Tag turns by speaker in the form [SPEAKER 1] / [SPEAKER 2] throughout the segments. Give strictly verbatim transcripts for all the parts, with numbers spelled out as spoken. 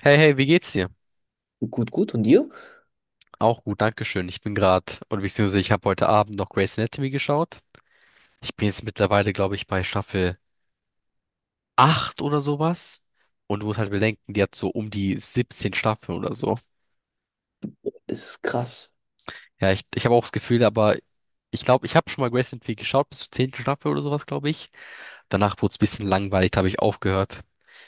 [SPEAKER 1] Hey, hey, wie geht's dir?
[SPEAKER 2] Gut, gut. Und dir?
[SPEAKER 1] Auch gut, dankeschön. Ich bin gerade, oder beziehungsweise ich habe heute Abend noch Grey's Anatomy geschaut. Ich bin jetzt mittlerweile, glaube ich, bei Staffel acht oder sowas. Und du musst halt bedenken, die hat so um die siebzehn Staffeln oder so.
[SPEAKER 2] Das ist krass.
[SPEAKER 1] Ja, ich, ich habe auch das Gefühl, aber ich glaube, ich habe schon mal Grey's Anatomy geschaut, bis zur zehnten Staffel oder sowas, glaube ich. Danach wurde es ein bisschen langweilig, da habe ich aufgehört.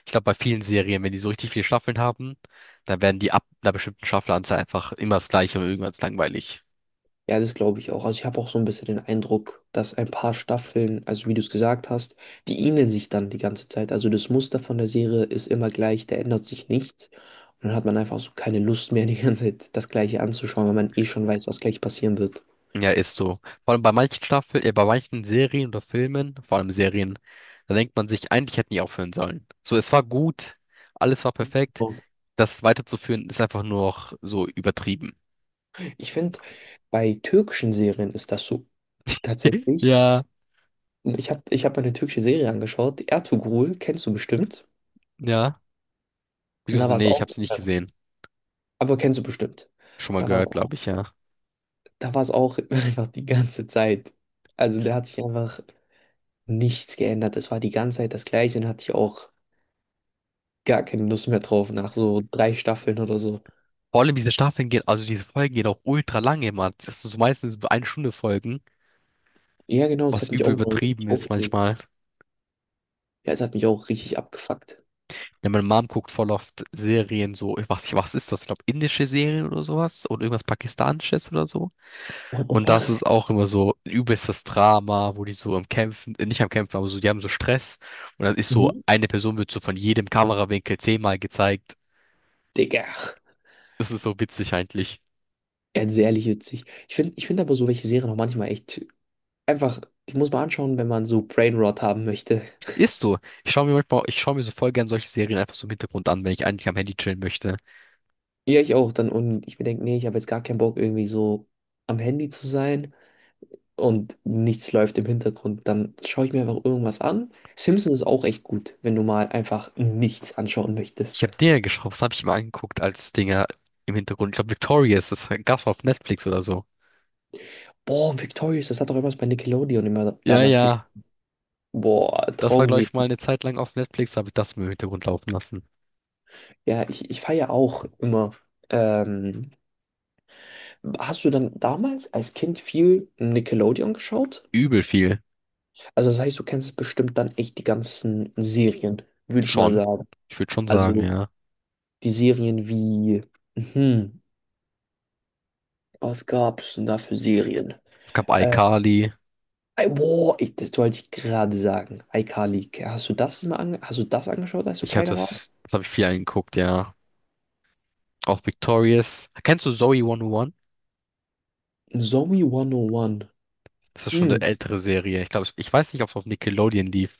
[SPEAKER 1] Ich glaube, bei vielen Serien, wenn die so richtig viele Staffeln haben, dann werden die ab einer bestimmten Staffelanzahl einfach immer das Gleiche und irgendwann ist langweilig.
[SPEAKER 2] Ja, das glaube ich auch. Also ich habe auch so ein bisschen den Eindruck, dass ein paar Staffeln, also wie du es gesagt hast, die ähneln sich dann die ganze Zeit. Also das Muster von der Serie ist immer gleich, da ändert sich nichts. Und dann hat man einfach so keine Lust mehr, die ganze Zeit das Gleiche anzuschauen, weil man eh schon weiß, was gleich passieren wird.
[SPEAKER 1] Ja, ist so. Vor allem bei manchen Staffeln, äh, bei manchen Serien oder Filmen, vor allem Serien, da denkt man sich, eigentlich hätten die aufhören sollen. So, es war gut, alles war perfekt.
[SPEAKER 2] So.
[SPEAKER 1] Das weiterzuführen ist einfach nur noch so übertrieben.
[SPEAKER 2] Ich finde, bei türkischen Serien ist das so tatsächlich.
[SPEAKER 1] Ja,
[SPEAKER 2] Ich habe ich hab eine türkische Serie angeschaut, Ertugrul, kennst du bestimmt.
[SPEAKER 1] ja.
[SPEAKER 2] Und
[SPEAKER 1] Wieso?
[SPEAKER 2] da
[SPEAKER 1] So,
[SPEAKER 2] war es
[SPEAKER 1] nee, ich
[SPEAKER 2] auch,
[SPEAKER 1] habe sie nicht gesehen.
[SPEAKER 2] aber kennst du bestimmt.
[SPEAKER 1] Schon mal
[SPEAKER 2] Da war es
[SPEAKER 1] gehört, glaube ich, ja.
[SPEAKER 2] da war es auch einfach die ganze Zeit. Also da hat sich einfach nichts geändert. Es war die ganze Zeit das Gleiche und hatte ich auch gar keine Lust mehr drauf nach so drei Staffeln oder so.
[SPEAKER 1] Vor allem diese Staffeln gehen, Also diese Folgen gehen auch ultra lange, Mann. Das sind so meistens eine Stunde Folgen,
[SPEAKER 2] Ja, genau, es
[SPEAKER 1] was
[SPEAKER 2] hat mich
[SPEAKER 1] übel
[SPEAKER 2] auch mal
[SPEAKER 1] übertrieben
[SPEAKER 2] richtig
[SPEAKER 1] ist
[SPEAKER 2] aufgeregt.
[SPEAKER 1] manchmal.
[SPEAKER 2] Ja, es hat mich auch richtig abgefuckt.
[SPEAKER 1] Ja, meine Mom guckt voll oft Serien, so, ich weiß nicht, was ist das? Ich glaube, indische Serien oder sowas oder irgendwas Pakistanisches oder so.
[SPEAKER 2] What the
[SPEAKER 1] Und das
[SPEAKER 2] fuck?
[SPEAKER 1] ist auch immer so ein übelstes Drama, wo die so am Kämpfen, äh, nicht am Kämpfen, aber so, die haben so Stress. Und dann ist so,
[SPEAKER 2] Mhm.
[SPEAKER 1] eine Person wird so von jedem Kamerawinkel zehnmal gezeigt.
[SPEAKER 2] Digga.
[SPEAKER 1] Das ist so witzig eigentlich.
[SPEAKER 2] Ja, das ist ehrlich witzig. Ich finde ich find aber so welche Serien auch manchmal echt einfach, die muss man anschauen, wenn man so Brain Rot haben möchte.
[SPEAKER 1] Ist so. Ich schaue mir manchmal, ich schaue mir so voll gern solche Serien einfach so im Hintergrund an, wenn ich eigentlich am Handy chillen möchte.
[SPEAKER 2] Ja, ich auch dann. Und ich mir denke, nee, ich habe jetzt gar keinen Bock, irgendwie so am Handy zu sein. und nichts läuft im Hintergrund, dann schaue ich mir einfach irgendwas an. Simpsons ist auch echt gut, wenn du mal einfach nichts anschauen
[SPEAKER 1] Ich
[SPEAKER 2] möchtest.
[SPEAKER 1] habe Dinger geschaut, was habe ich mir angeguckt als Dinger im Hintergrund? Ich glaube, Victorious, das gab's mal auf Netflix oder so.
[SPEAKER 2] Boah, Victorious, das hat doch immer bei Nickelodeon immer
[SPEAKER 1] Ja,
[SPEAKER 2] damals gespielt.
[SPEAKER 1] ja.
[SPEAKER 2] Boah,
[SPEAKER 1] Das war, glaube ich,
[SPEAKER 2] Traumserie.
[SPEAKER 1] mal eine Zeit lang auf Netflix, habe ich das im Hintergrund laufen lassen.
[SPEAKER 2] Ja, ich, ich feiere auch immer. Ähm, Hast du dann damals als Kind viel Nickelodeon geschaut?
[SPEAKER 1] Übel viel.
[SPEAKER 2] Also das heißt, du kennst bestimmt dann echt die ganzen Serien, würde ich mal
[SPEAKER 1] Schon.
[SPEAKER 2] sagen.
[SPEAKER 1] Ich würde schon sagen,
[SPEAKER 2] Also
[SPEAKER 1] ja.
[SPEAKER 2] die Serien wie, hm, was gab's denn da für Serien?
[SPEAKER 1] Es gab
[SPEAKER 2] Äh,
[SPEAKER 1] iCarly.
[SPEAKER 2] Ey, Boah, ich, das wollte ich gerade sagen. iCarly, hast du das mal ange hast du das angeschaut, als du
[SPEAKER 1] Ich habe
[SPEAKER 2] kleiner warst?
[SPEAKER 1] das, das habe ich viel angeguckt, ja. Auch Victorious. Kennst du Zoey einhunderteins?
[SPEAKER 2] Zombie hundert eins.
[SPEAKER 1] Das ist schon eine
[SPEAKER 2] Hm,
[SPEAKER 1] ältere Serie. Ich glaube, ich ich weiß nicht, ob es auf Nickelodeon lief.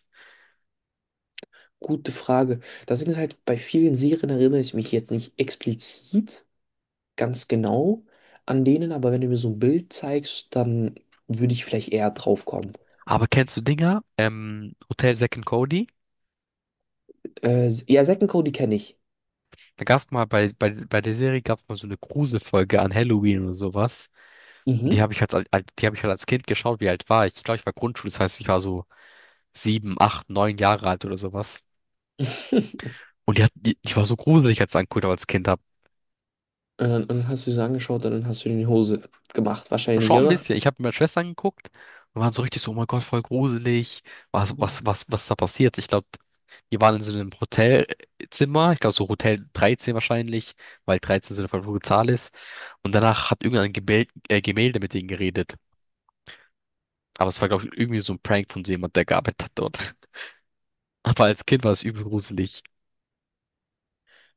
[SPEAKER 2] gute Frage. Das Ding ist halt, bei vielen Serien erinnere ich mich jetzt nicht explizit ganz genau an denen, aber wenn du mir so ein Bild zeigst, dann würde ich vielleicht eher drauf kommen.
[SPEAKER 1] Aber kennst du Dinger? Ähm, Hotel Zack and Cody?
[SPEAKER 2] Äh, ja, Zack und Cody kenne ich.
[SPEAKER 1] Da gab es mal bei, bei, bei der Serie gab es mal so eine Gruselfolge an Halloween oder sowas. Und Die
[SPEAKER 2] Mhm.
[SPEAKER 1] habe ich als, als die habe ich halt als Kind geschaut, wie alt war ich? Ich glaube, ich war Grundschule, das heißt, ich war so sieben, acht, neun Jahre alt oder sowas. Und die hat, die, die war so gruselig, als ich angeguckt habe als Kind hab.
[SPEAKER 2] Und dann, und dann hast du sie so angeschaut und dann hast du dir in die Hose gemacht, wahrscheinlich,
[SPEAKER 1] Schon ein
[SPEAKER 2] oder?
[SPEAKER 1] bisschen. Ich habe mit meiner Schwester angeguckt und waren so richtig so, oh mein Gott, voll gruselig. Was, was, was, was ist da passiert? Ich glaube, die waren in so einem Hotelzimmer, ich glaube so Hotel dreizehn wahrscheinlich, weil dreizehn so eine verfluchte Zahl ist. Und danach hat irgendein Gemälde, äh, Gemälde mit denen geredet. Aber es war, glaube ich, irgendwie so ein Prank von so jemand, der gearbeitet hat dort. Aber als Kind war es übel gruselig.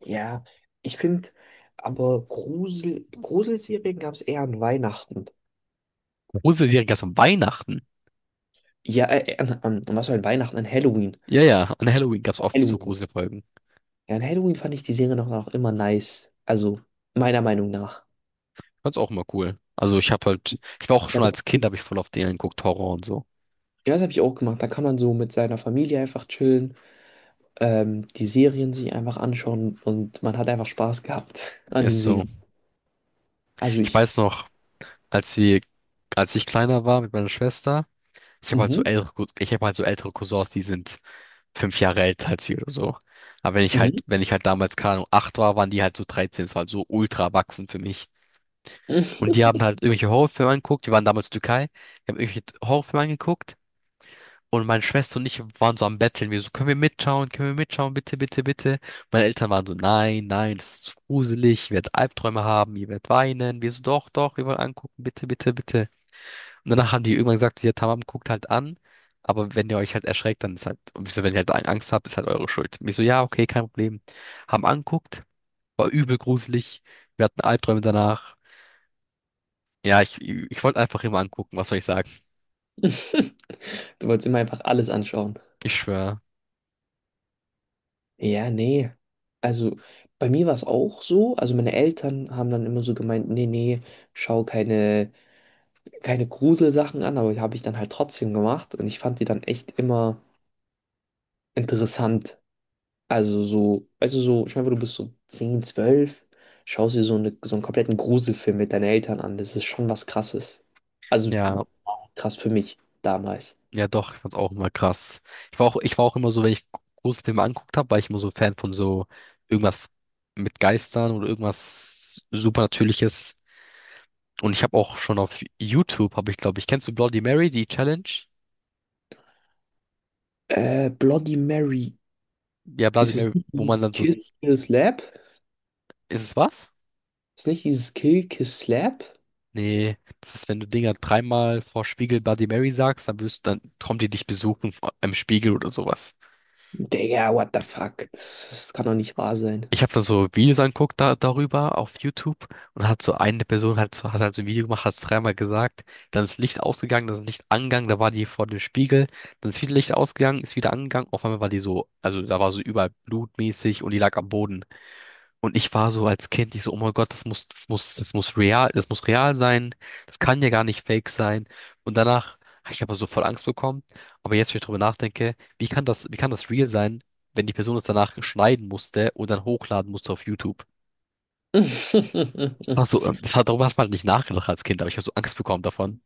[SPEAKER 2] Ja, ich finde, aber Grusel, Gruselserien gab es eher an Weihnachten.
[SPEAKER 1] Gruselige Serien gab es an Weihnachten.
[SPEAKER 2] Ja, äh, an, an, was war an Weihnachten? An Halloween.
[SPEAKER 1] Ja, ja, an Halloween gab es oft so
[SPEAKER 2] Halloween.
[SPEAKER 1] Gruselfolgen.
[SPEAKER 2] Ja, an Halloween fand ich die Serie noch, noch immer nice. Also, meiner Meinung nach.
[SPEAKER 1] Fand's auch immer cool. Also ich habe halt, ich war auch schon als Kind, habe ich voll auf den geguckt, Horror und so.
[SPEAKER 2] Ja, das habe ich auch gemacht. Da kann man so mit seiner Familie einfach chillen, ähm, die Serien sich einfach anschauen und man hat einfach Spaß gehabt an den
[SPEAKER 1] Ist so.
[SPEAKER 2] Serien. Also
[SPEAKER 1] Ich
[SPEAKER 2] ich.
[SPEAKER 1] weiß noch, als wir, als ich kleiner war mit meiner Schwester, ich habe halt so
[SPEAKER 2] Mhm.
[SPEAKER 1] ältere, Cous- ich habe halt so ältere Cousins, die sind fünf Jahre älter als wir oder so. Aber wenn ich halt,
[SPEAKER 2] Mhm.
[SPEAKER 1] wenn ich halt damals, keine Ahnung, acht war, waren die halt so dreizehn. Es war halt so ultra erwachsen für mich. Und die haben halt irgendwelche Horrorfilme angeguckt. Die waren damals in der Türkei. Die haben irgendwelche Horrorfilme angeguckt. Und meine Schwester und ich waren so am Betteln. Wir so, können wir mitschauen? Können wir mitschauen? Bitte, bitte, bitte. Meine Eltern waren so, nein, nein, das ist zu gruselig. Ihr werdet Albträume haben. Ihr werdet weinen. Wir so, doch, doch, wir wollen angucken. Bitte, bitte, bitte. Und danach haben die irgendwann gesagt, ja, Tamam, guckt halt an. Aber wenn ihr euch halt erschreckt, dann ist halt, und wir so, wenn ihr halt Angst habt, ist halt eure Schuld. Und ich so, ja, okay, kein Problem. Haben anguckt. War übel gruselig. Wir hatten Albträume danach. Ja, ich, ich wollte einfach immer angucken. Was soll ich sagen?
[SPEAKER 2] Du wolltest immer einfach alles anschauen.
[SPEAKER 1] Ich schwöre.
[SPEAKER 2] Ja, nee. Also bei mir war es auch so. Also meine Eltern haben dann immer so gemeint, nee, nee, schau keine, keine Gruselsachen an, aber die habe ich dann halt trotzdem gemacht und ich fand die dann echt immer interessant. Also so, weißt du, so, ich meine, du bist so zehn zwölf schaust dir so, eine, so einen kompletten Gruselfilm mit deinen Eltern an. Das ist schon was Krasses. Also
[SPEAKER 1] Ja.
[SPEAKER 2] krass für mich damals.
[SPEAKER 1] Ja, doch, ich fand's auch immer krass. Ich war auch, ich war auch immer so, wenn ich Gruselfilme angeguckt habe, war ich immer so Fan von so irgendwas mit Geistern oder irgendwas Supernatürliches. Und ich habe auch schon auf YouTube, habe ich, glaube ich, kennst du Bloody Mary, die Challenge?
[SPEAKER 2] Äh, Bloody Mary.
[SPEAKER 1] Ja, Bloody
[SPEAKER 2] Ist es
[SPEAKER 1] Mary,
[SPEAKER 2] nicht
[SPEAKER 1] wo man
[SPEAKER 2] dieses
[SPEAKER 1] dann so,
[SPEAKER 2] Kill, Kill, Slap?
[SPEAKER 1] ist es was?
[SPEAKER 2] Ist nicht dieses Kill, Kiss, Slap?
[SPEAKER 1] Nee, das ist, wenn du Dinger dreimal vor Spiegel Bloody Mary sagst, dann wirst, dann kommt die dich besuchen vor- im Spiegel oder sowas.
[SPEAKER 2] Digga, what the fuck? Das, das kann doch nicht wahr sein.
[SPEAKER 1] Ich habe da so Videos angeguckt da, darüber auf YouTube und hat so eine Person halt so, hat halt so ein Video gemacht, hat es dreimal gesagt, dann ist Licht ausgegangen, dann ist Licht angegangen, da war die vor dem Spiegel, dann ist wieder Licht ausgegangen, ist wieder angegangen, auf einmal war die so, also da war so überall blutmäßig und die lag am Boden. Und ich war so als Kind, ich so, oh mein Gott, das muss, das muss, das muss real, das muss real sein. Das kann ja gar nicht fake sein. Und danach habe ich aber so voll Angst bekommen. Aber jetzt, wenn ich drüber nachdenke, wie kann das, wie kann das real sein, wenn die Person es danach schneiden musste und dann hochladen musste auf YouTube? Das war so, ähm, das hat, darüber hat man nicht nachgedacht als Kind, aber ich habe so Angst bekommen davon.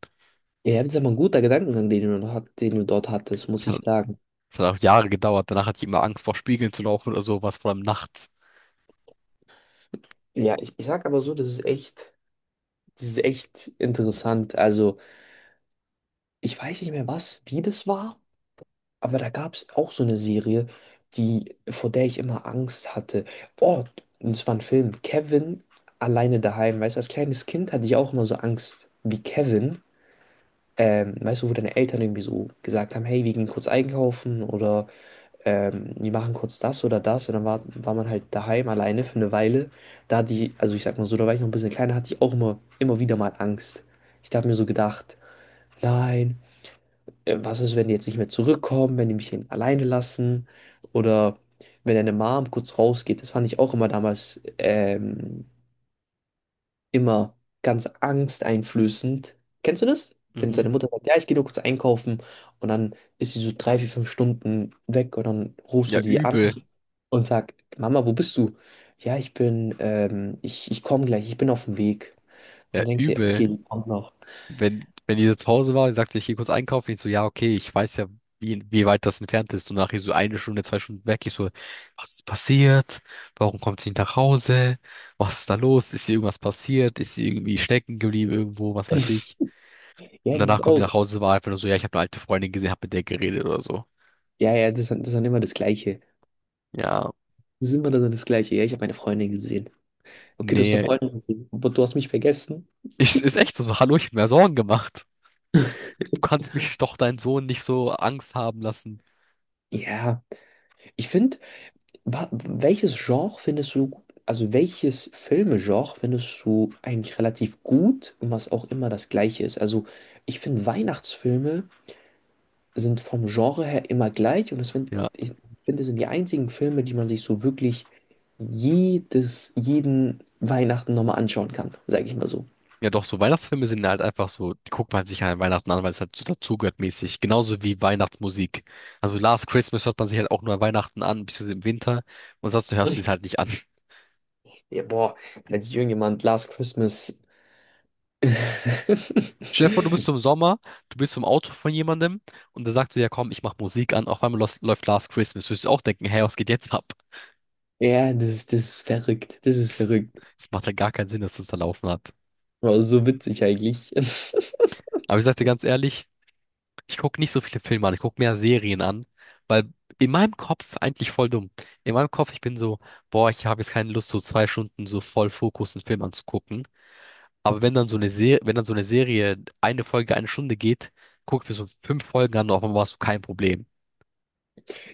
[SPEAKER 2] Ja, das ist aber ein guter Gedankengang, den du noch hat, den du dort hattest,
[SPEAKER 1] Das
[SPEAKER 2] muss ich
[SPEAKER 1] hat,
[SPEAKER 2] sagen.
[SPEAKER 1] das hat auch Jahre gedauert. Danach hatte ich immer Angst vor Spiegeln zu laufen oder sowas, vor allem nachts.
[SPEAKER 2] Ja, ich, ich sag aber so, das ist echt, das ist echt interessant. Also, ich weiß nicht mehr was, wie das war, aber da gab es auch so eine Serie, die, vor der ich immer Angst hatte. Oh, das war ein Film. Kevin alleine daheim. Weißt du, als kleines Kind hatte ich auch immer so Angst wie Kevin. Ähm, weißt du, wo deine Eltern irgendwie so gesagt haben, hey, wir gehen kurz einkaufen oder ähm, wir machen kurz das oder das. Und dann war, war man halt daheim alleine für eine Weile. Da hat die, also ich sag mal so, da war ich noch ein bisschen kleiner, hatte ich auch immer, immer wieder mal Angst. Ich habe mir so gedacht, nein, äh, was ist, wenn die jetzt nicht mehr zurückkommen, wenn die mich hier alleine lassen oder wenn deine Mom kurz rausgeht. Das fand ich auch immer damals ähm, immer ganz angsteinflößend. Kennst du das? Wenn
[SPEAKER 1] Mhm.
[SPEAKER 2] seine Mutter sagt, ja, ich gehe nur kurz einkaufen und dann ist sie so drei, vier, fünf Stunden weg und dann rufst
[SPEAKER 1] Ja,
[SPEAKER 2] du die an
[SPEAKER 1] übel.
[SPEAKER 2] und sagst, Mama, wo bist du? Ja, ich bin, ähm, ich, ich komme gleich, ich bin auf dem Weg.
[SPEAKER 1] Ja,
[SPEAKER 2] Und denkst dir,
[SPEAKER 1] übel.
[SPEAKER 2] okay, sie kommt noch.
[SPEAKER 1] wenn, wenn die so zu Hause war, sagte ich, geh kurz einkaufen. Ich so, ja, okay, ich weiß ja, wie, wie weit das entfernt ist. Und nachher so eine Stunde, zwei Stunden weg. Ich so, was ist passiert? Warum kommt sie nicht nach Hause? Was ist da los? Ist ihr irgendwas passiert? Ist sie irgendwie stecken geblieben irgendwo? Was weiß ich?
[SPEAKER 2] Ja,
[SPEAKER 1] Und
[SPEAKER 2] das
[SPEAKER 1] danach
[SPEAKER 2] ist
[SPEAKER 1] kommt die
[SPEAKER 2] auch.
[SPEAKER 1] nach Hause, war einfach nur so, ja, ich habe eine alte Freundin gesehen, hab mit der geredet oder so.
[SPEAKER 2] Ja, ja, das ist, das ist dann immer das Gleiche.
[SPEAKER 1] Ja,
[SPEAKER 2] Das ist immer dann das Gleiche. Ja, ich habe meine Freundin gesehen. Okay, du hast eine
[SPEAKER 1] nee,
[SPEAKER 2] Freundin gesehen, aber du hast mich vergessen.
[SPEAKER 1] ich, ist echt so, so, hallo, ich hab mir Sorgen gemacht. Du kannst mich doch deinen Sohn nicht so Angst haben lassen.
[SPEAKER 2] Ja, ich finde, Wa- Welches Genre findest du, also welches Filmegenre findest du eigentlich relativ gut und was auch immer das gleiche ist? Also ich finde Weihnachtsfilme sind vom Genre her immer gleich und es sind,
[SPEAKER 1] Ja.
[SPEAKER 2] ich finde, es sind die einzigen Filme, die man sich so wirklich jedes, jeden Weihnachten nochmal anschauen kann, sage ich mal so.
[SPEAKER 1] Ja, doch, so Weihnachtsfilme sind halt einfach so, die guckt man sich halt an Weihnachten an, weil es halt so dazugehört mäßig. Genauso wie Weihnachtsmusik. Also Last Christmas hört man sich halt auch nur an Weihnachten an, beziehungsweise im Winter. Und sonst hörst du es halt nicht an.
[SPEAKER 2] Ja, boah, als irgendjemand Last Christmas.
[SPEAKER 1] Stell dir vor, du bist so im Sommer, du bist so im Auto von jemandem und der sagt so, ja komm, ich mach Musik an, auf einmal los- läuft Last Christmas. Würdest du auch denken, hey, was geht jetzt ab?
[SPEAKER 2] Ja, das, das ist verrückt, das ist
[SPEAKER 1] Das,
[SPEAKER 2] verrückt.
[SPEAKER 1] das macht ja gar keinen Sinn, dass das da laufen hat.
[SPEAKER 2] Aber so witzig eigentlich.
[SPEAKER 1] Aber ich sag dir ganz ehrlich, ich gucke nicht so viele Filme an, ich gucke mehr Serien an, weil in meinem Kopf eigentlich voll dumm. In meinem Kopf, ich bin so, boah, ich habe jetzt keine Lust, so zwei Stunden so voll Fokus einen Film anzugucken. Aber wenn dann so eine Serie, wenn dann so eine Serie eine Folge eine Stunde geht, gucke ich mir so fünf Folgen an, auf einmal hast du kein Problem.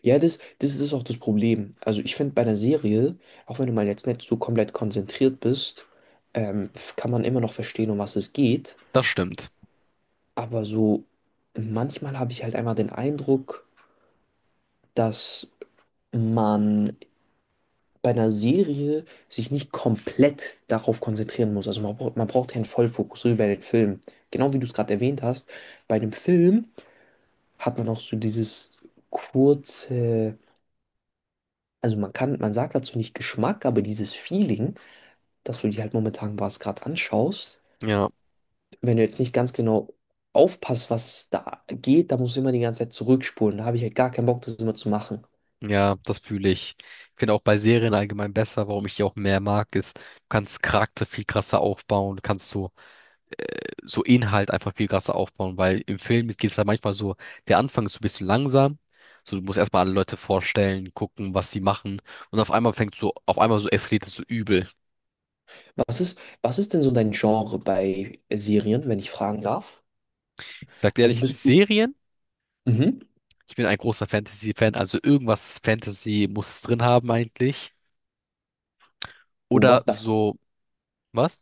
[SPEAKER 2] Ja, das, das ist auch das Problem. Also ich finde bei einer Serie, auch wenn du mal jetzt nicht so komplett konzentriert bist, ähm, f- kann man immer noch verstehen, um was es geht.
[SPEAKER 1] Das stimmt.
[SPEAKER 2] Aber so manchmal habe ich halt einmal den Eindruck, dass man bei einer Serie sich nicht komplett darauf konzentrieren muss. Also man, bra- man braucht ja einen Vollfokus, so wie bei den Filmen. Genau wie du es gerade erwähnt hast, bei einem Film hat man auch so dieses kurze, also man kann, man sagt dazu nicht Geschmack, aber dieses Feeling dass du dir halt momentan was gerade anschaust.
[SPEAKER 1] Ja,
[SPEAKER 2] Wenn du jetzt nicht ganz genau aufpasst, was da geht, da musst du immer die ganze Zeit zurückspulen. Da habe ich halt gar keinen Bock, das immer zu machen.
[SPEAKER 1] ja, das fühle ich. Ich finde auch bei Serien allgemein besser, warum ich die auch mehr mag, ist, du kannst Charakter viel krasser aufbauen, du kannst so so Inhalt einfach viel krasser aufbauen, weil im Film geht es halt manchmal so, der Anfang ist so ein bisschen langsam, so du musst erstmal alle Leute vorstellen, gucken, was sie machen und auf einmal fängt so, auf einmal so eskaliert es so übel.
[SPEAKER 2] Was ist, was ist denn so dein Genre bei Serien, wenn ich fragen darf?
[SPEAKER 1] Ich sag dir
[SPEAKER 2] Also
[SPEAKER 1] ehrlich,
[SPEAKER 2] bist du.
[SPEAKER 1] Serien,
[SPEAKER 2] Mhm.
[SPEAKER 1] ich bin ein großer Fantasy-Fan, also irgendwas Fantasy muss es drin haben eigentlich. Oder
[SPEAKER 2] What the
[SPEAKER 1] so, was?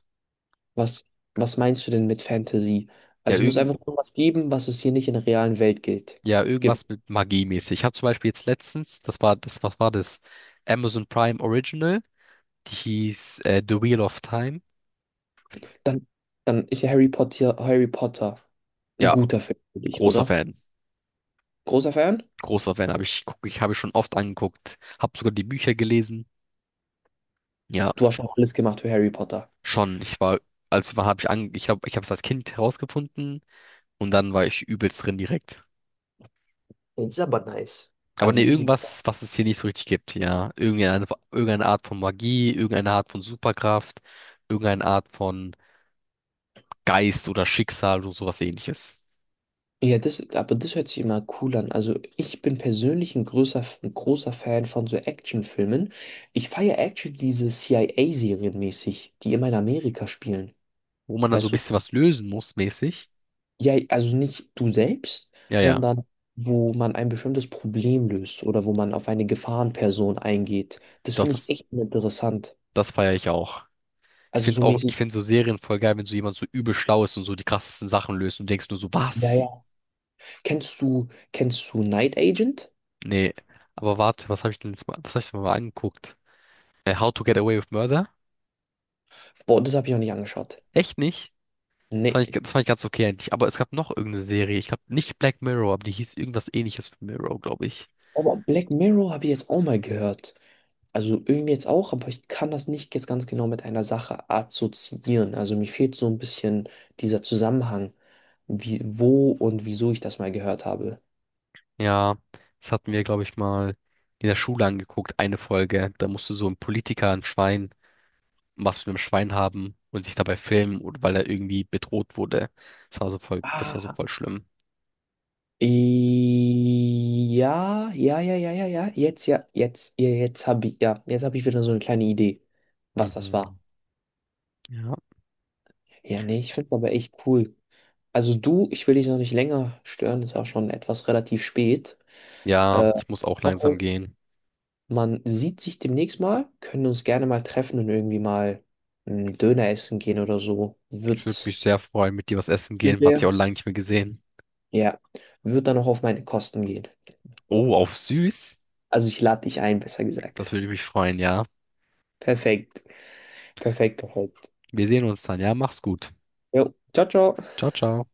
[SPEAKER 2] Was, was meinst du denn mit Fantasy?
[SPEAKER 1] Ja,
[SPEAKER 2] Also es muss
[SPEAKER 1] irgend,
[SPEAKER 2] einfach irgendwas geben, was es hier nicht in der realen Welt gilt,
[SPEAKER 1] ja,
[SPEAKER 2] gibt.
[SPEAKER 1] irgendwas mit Magie mäßig. Ich habe zum Beispiel jetzt letztens, das war das, was war das? Amazon Prime Original, die hieß äh, The Wheel of Time.
[SPEAKER 2] Dann, dann ist ja Harry Potter, Harry Potter ein
[SPEAKER 1] Ja,
[SPEAKER 2] guter Film für dich,
[SPEAKER 1] großer
[SPEAKER 2] oder?
[SPEAKER 1] Fan.
[SPEAKER 2] Großer Fan?
[SPEAKER 1] Großer Fan, habe ich, guck, ich habe ich schon oft angeguckt, habe sogar die Bücher gelesen. Ja,
[SPEAKER 2] Du hast schon alles gemacht für Harry Potter.
[SPEAKER 1] schon. Ich war, als war, habe ich an, ich glaube, ich habe es als Kind herausgefunden und dann war ich übelst drin direkt.
[SPEAKER 2] Ja, das ist aber nice.
[SPEAKER 1] Aber
[SPEAKER 2] Also
[SPEAKER 1] nee,
[SPEAKER 2] das,
[SPEAKER 1] irgendwas, was es hier nicht so richtig gibt, ja. Irgendeine, irgendeine Art von Magie, irgendeine Art von Superkraft, irgendeine Art von Geist oder Schicksal oder sowas ähnliches.
[SPEAKER 2] ja, das, aber das hört sich immer cool an. Also ich bin persönlich ein großer, ein großer Fan von so Actionfilmen. Ich feiere Action diese C I A-Serien mäßig, die immer in Amerika spielen.
[SPEAKER 1] Wo man dann so ein
[SPEAKER 2] Weißt du?
[SPEAKER 1] bisschen was lösen muss, mäßig.
[SPEAKER 2] Ja, also nicht du selbst,
[SPEAKER 1] Ja, ja.
[SPEAKER 2] sondern wo man ein bestimmtes Problem löst oder wo man auf eine Gefahrenperson eingeht. Das
[SPEAKER 1] Doch,
[SPEAKER 2] finde ich
[SPEAKER 1] das,
[SPEAKER 2] echt interessant.
[SPEAKER 1] das feiere ich auch. Ich
[SPEAKER 2] Also
[SPEAKER 1] find's
[SPEAKER 2] so
[SPEAKER 1] auch, ich
[SPEAKER 2] mäßig.
[SPEAKER 1] find so Serien voll geil, wenn so jemand so übel schlau ist und so die krassesten Sachen löst und du denkst nur so,
[SPEAKER 2] Ja,
[SPEAKER 1] was?
[SPEAKER 2] ja. Kennst du, kennst du Night Agent?
[SPEAKER 1] Nee, aber warte, was habe ich denn jetzt mal, was habe ich denn mal angeguckt? Äh, How to Get Away with Murder?
[SPEAKER 2] Boah, das habe ich noch nicht angeschaut.
[SPEAKER 1] Echt nicht? Das fand ich,
[SPEAKER 2] Nee.
[SPEAKER 1] das fand ich ganz okay eigentlich. Aber es gab noch irgendeine Serie. Ich glaube nicht Black Mirror, aber die hieß irgendwas ähnliches mit Mirror, glaube ich.
[SPEAKER 2] Aber Black Mirror habe ich jetzt auch mal gehört. Also irgendwie jetzt auch, aber ich kann das nicht jetzt ganz genau mit einer Sache assoziieren. Also mir fehlt so ein bisschen dieser Zusammenhang, wie, wo und wieso ich das mal gehört habe.
[SPEAKER 1] Ja, das hatten wir, glaube ich, mal in der Schule angeguckt, eine Folge. Da musste so ein Politiker, ein Schwein, was mit einem Schwein haben und sich dabei filmen, oder weil er irgendwie bedroht wurde. Das war so voll, das war so
[SPEAKER 2] Ah,
[SPEAKER 1] voll schlimm.
[SPEAKER 2] i- ja, ja, ja, ja, ja, ja, jetzt, ja, jetzt, ja, jetzt habe ich, ja, jetzt habe ich wieder so eine kleine Idee, was das
[SPEAKER 1] Mhm.
[SPEAKER 2] war.
[SPEAKER 1] Ja.
[SPEAKER 2] Ja, nee, ich finde es aber echt cool. Also du, ich will dich noch nicht länger stören, ist auch schon etwas relativ spät.
[SPEAKER 1] Ja,
[SPEAKER 2] Äh,
[SPEAKER 1] ich muss auch langsam gehen.
[SPEAKER 2] Man sieht sich demnächst mal, können uns gerne mal treffen und irgendwie mal einen Döner essen gehen oder so.
[SPEAKER 1] Ich würde
[SPEAKER 2] Wird,
[SPEAKER 1] mich sehr freuen, mit dir was essen gehen. Man hat sich
[SPEAKER 2] Ja.
[SPEAKER 1] auch lange nicht mehr gesehen.
[SPEAKER 2] ja, wird dann auch auf meine Kosten gehen.
[SPEAKER 1] Oh, auf süß.
[SPEAKER 2] Also ich lade dich ein, besser gesagt.
[SPEAKER 1] Das würde mich freuen, ja.
[SPEAKER 2] Perfekt, perfekt, perfekt.
[SPEAKER 1] Wir sehen uns dann, ja. Mach's gut.
[SPEAKER 2] Jo, ciao, ciao.
[SPEAKER 1] Ciao, ciao.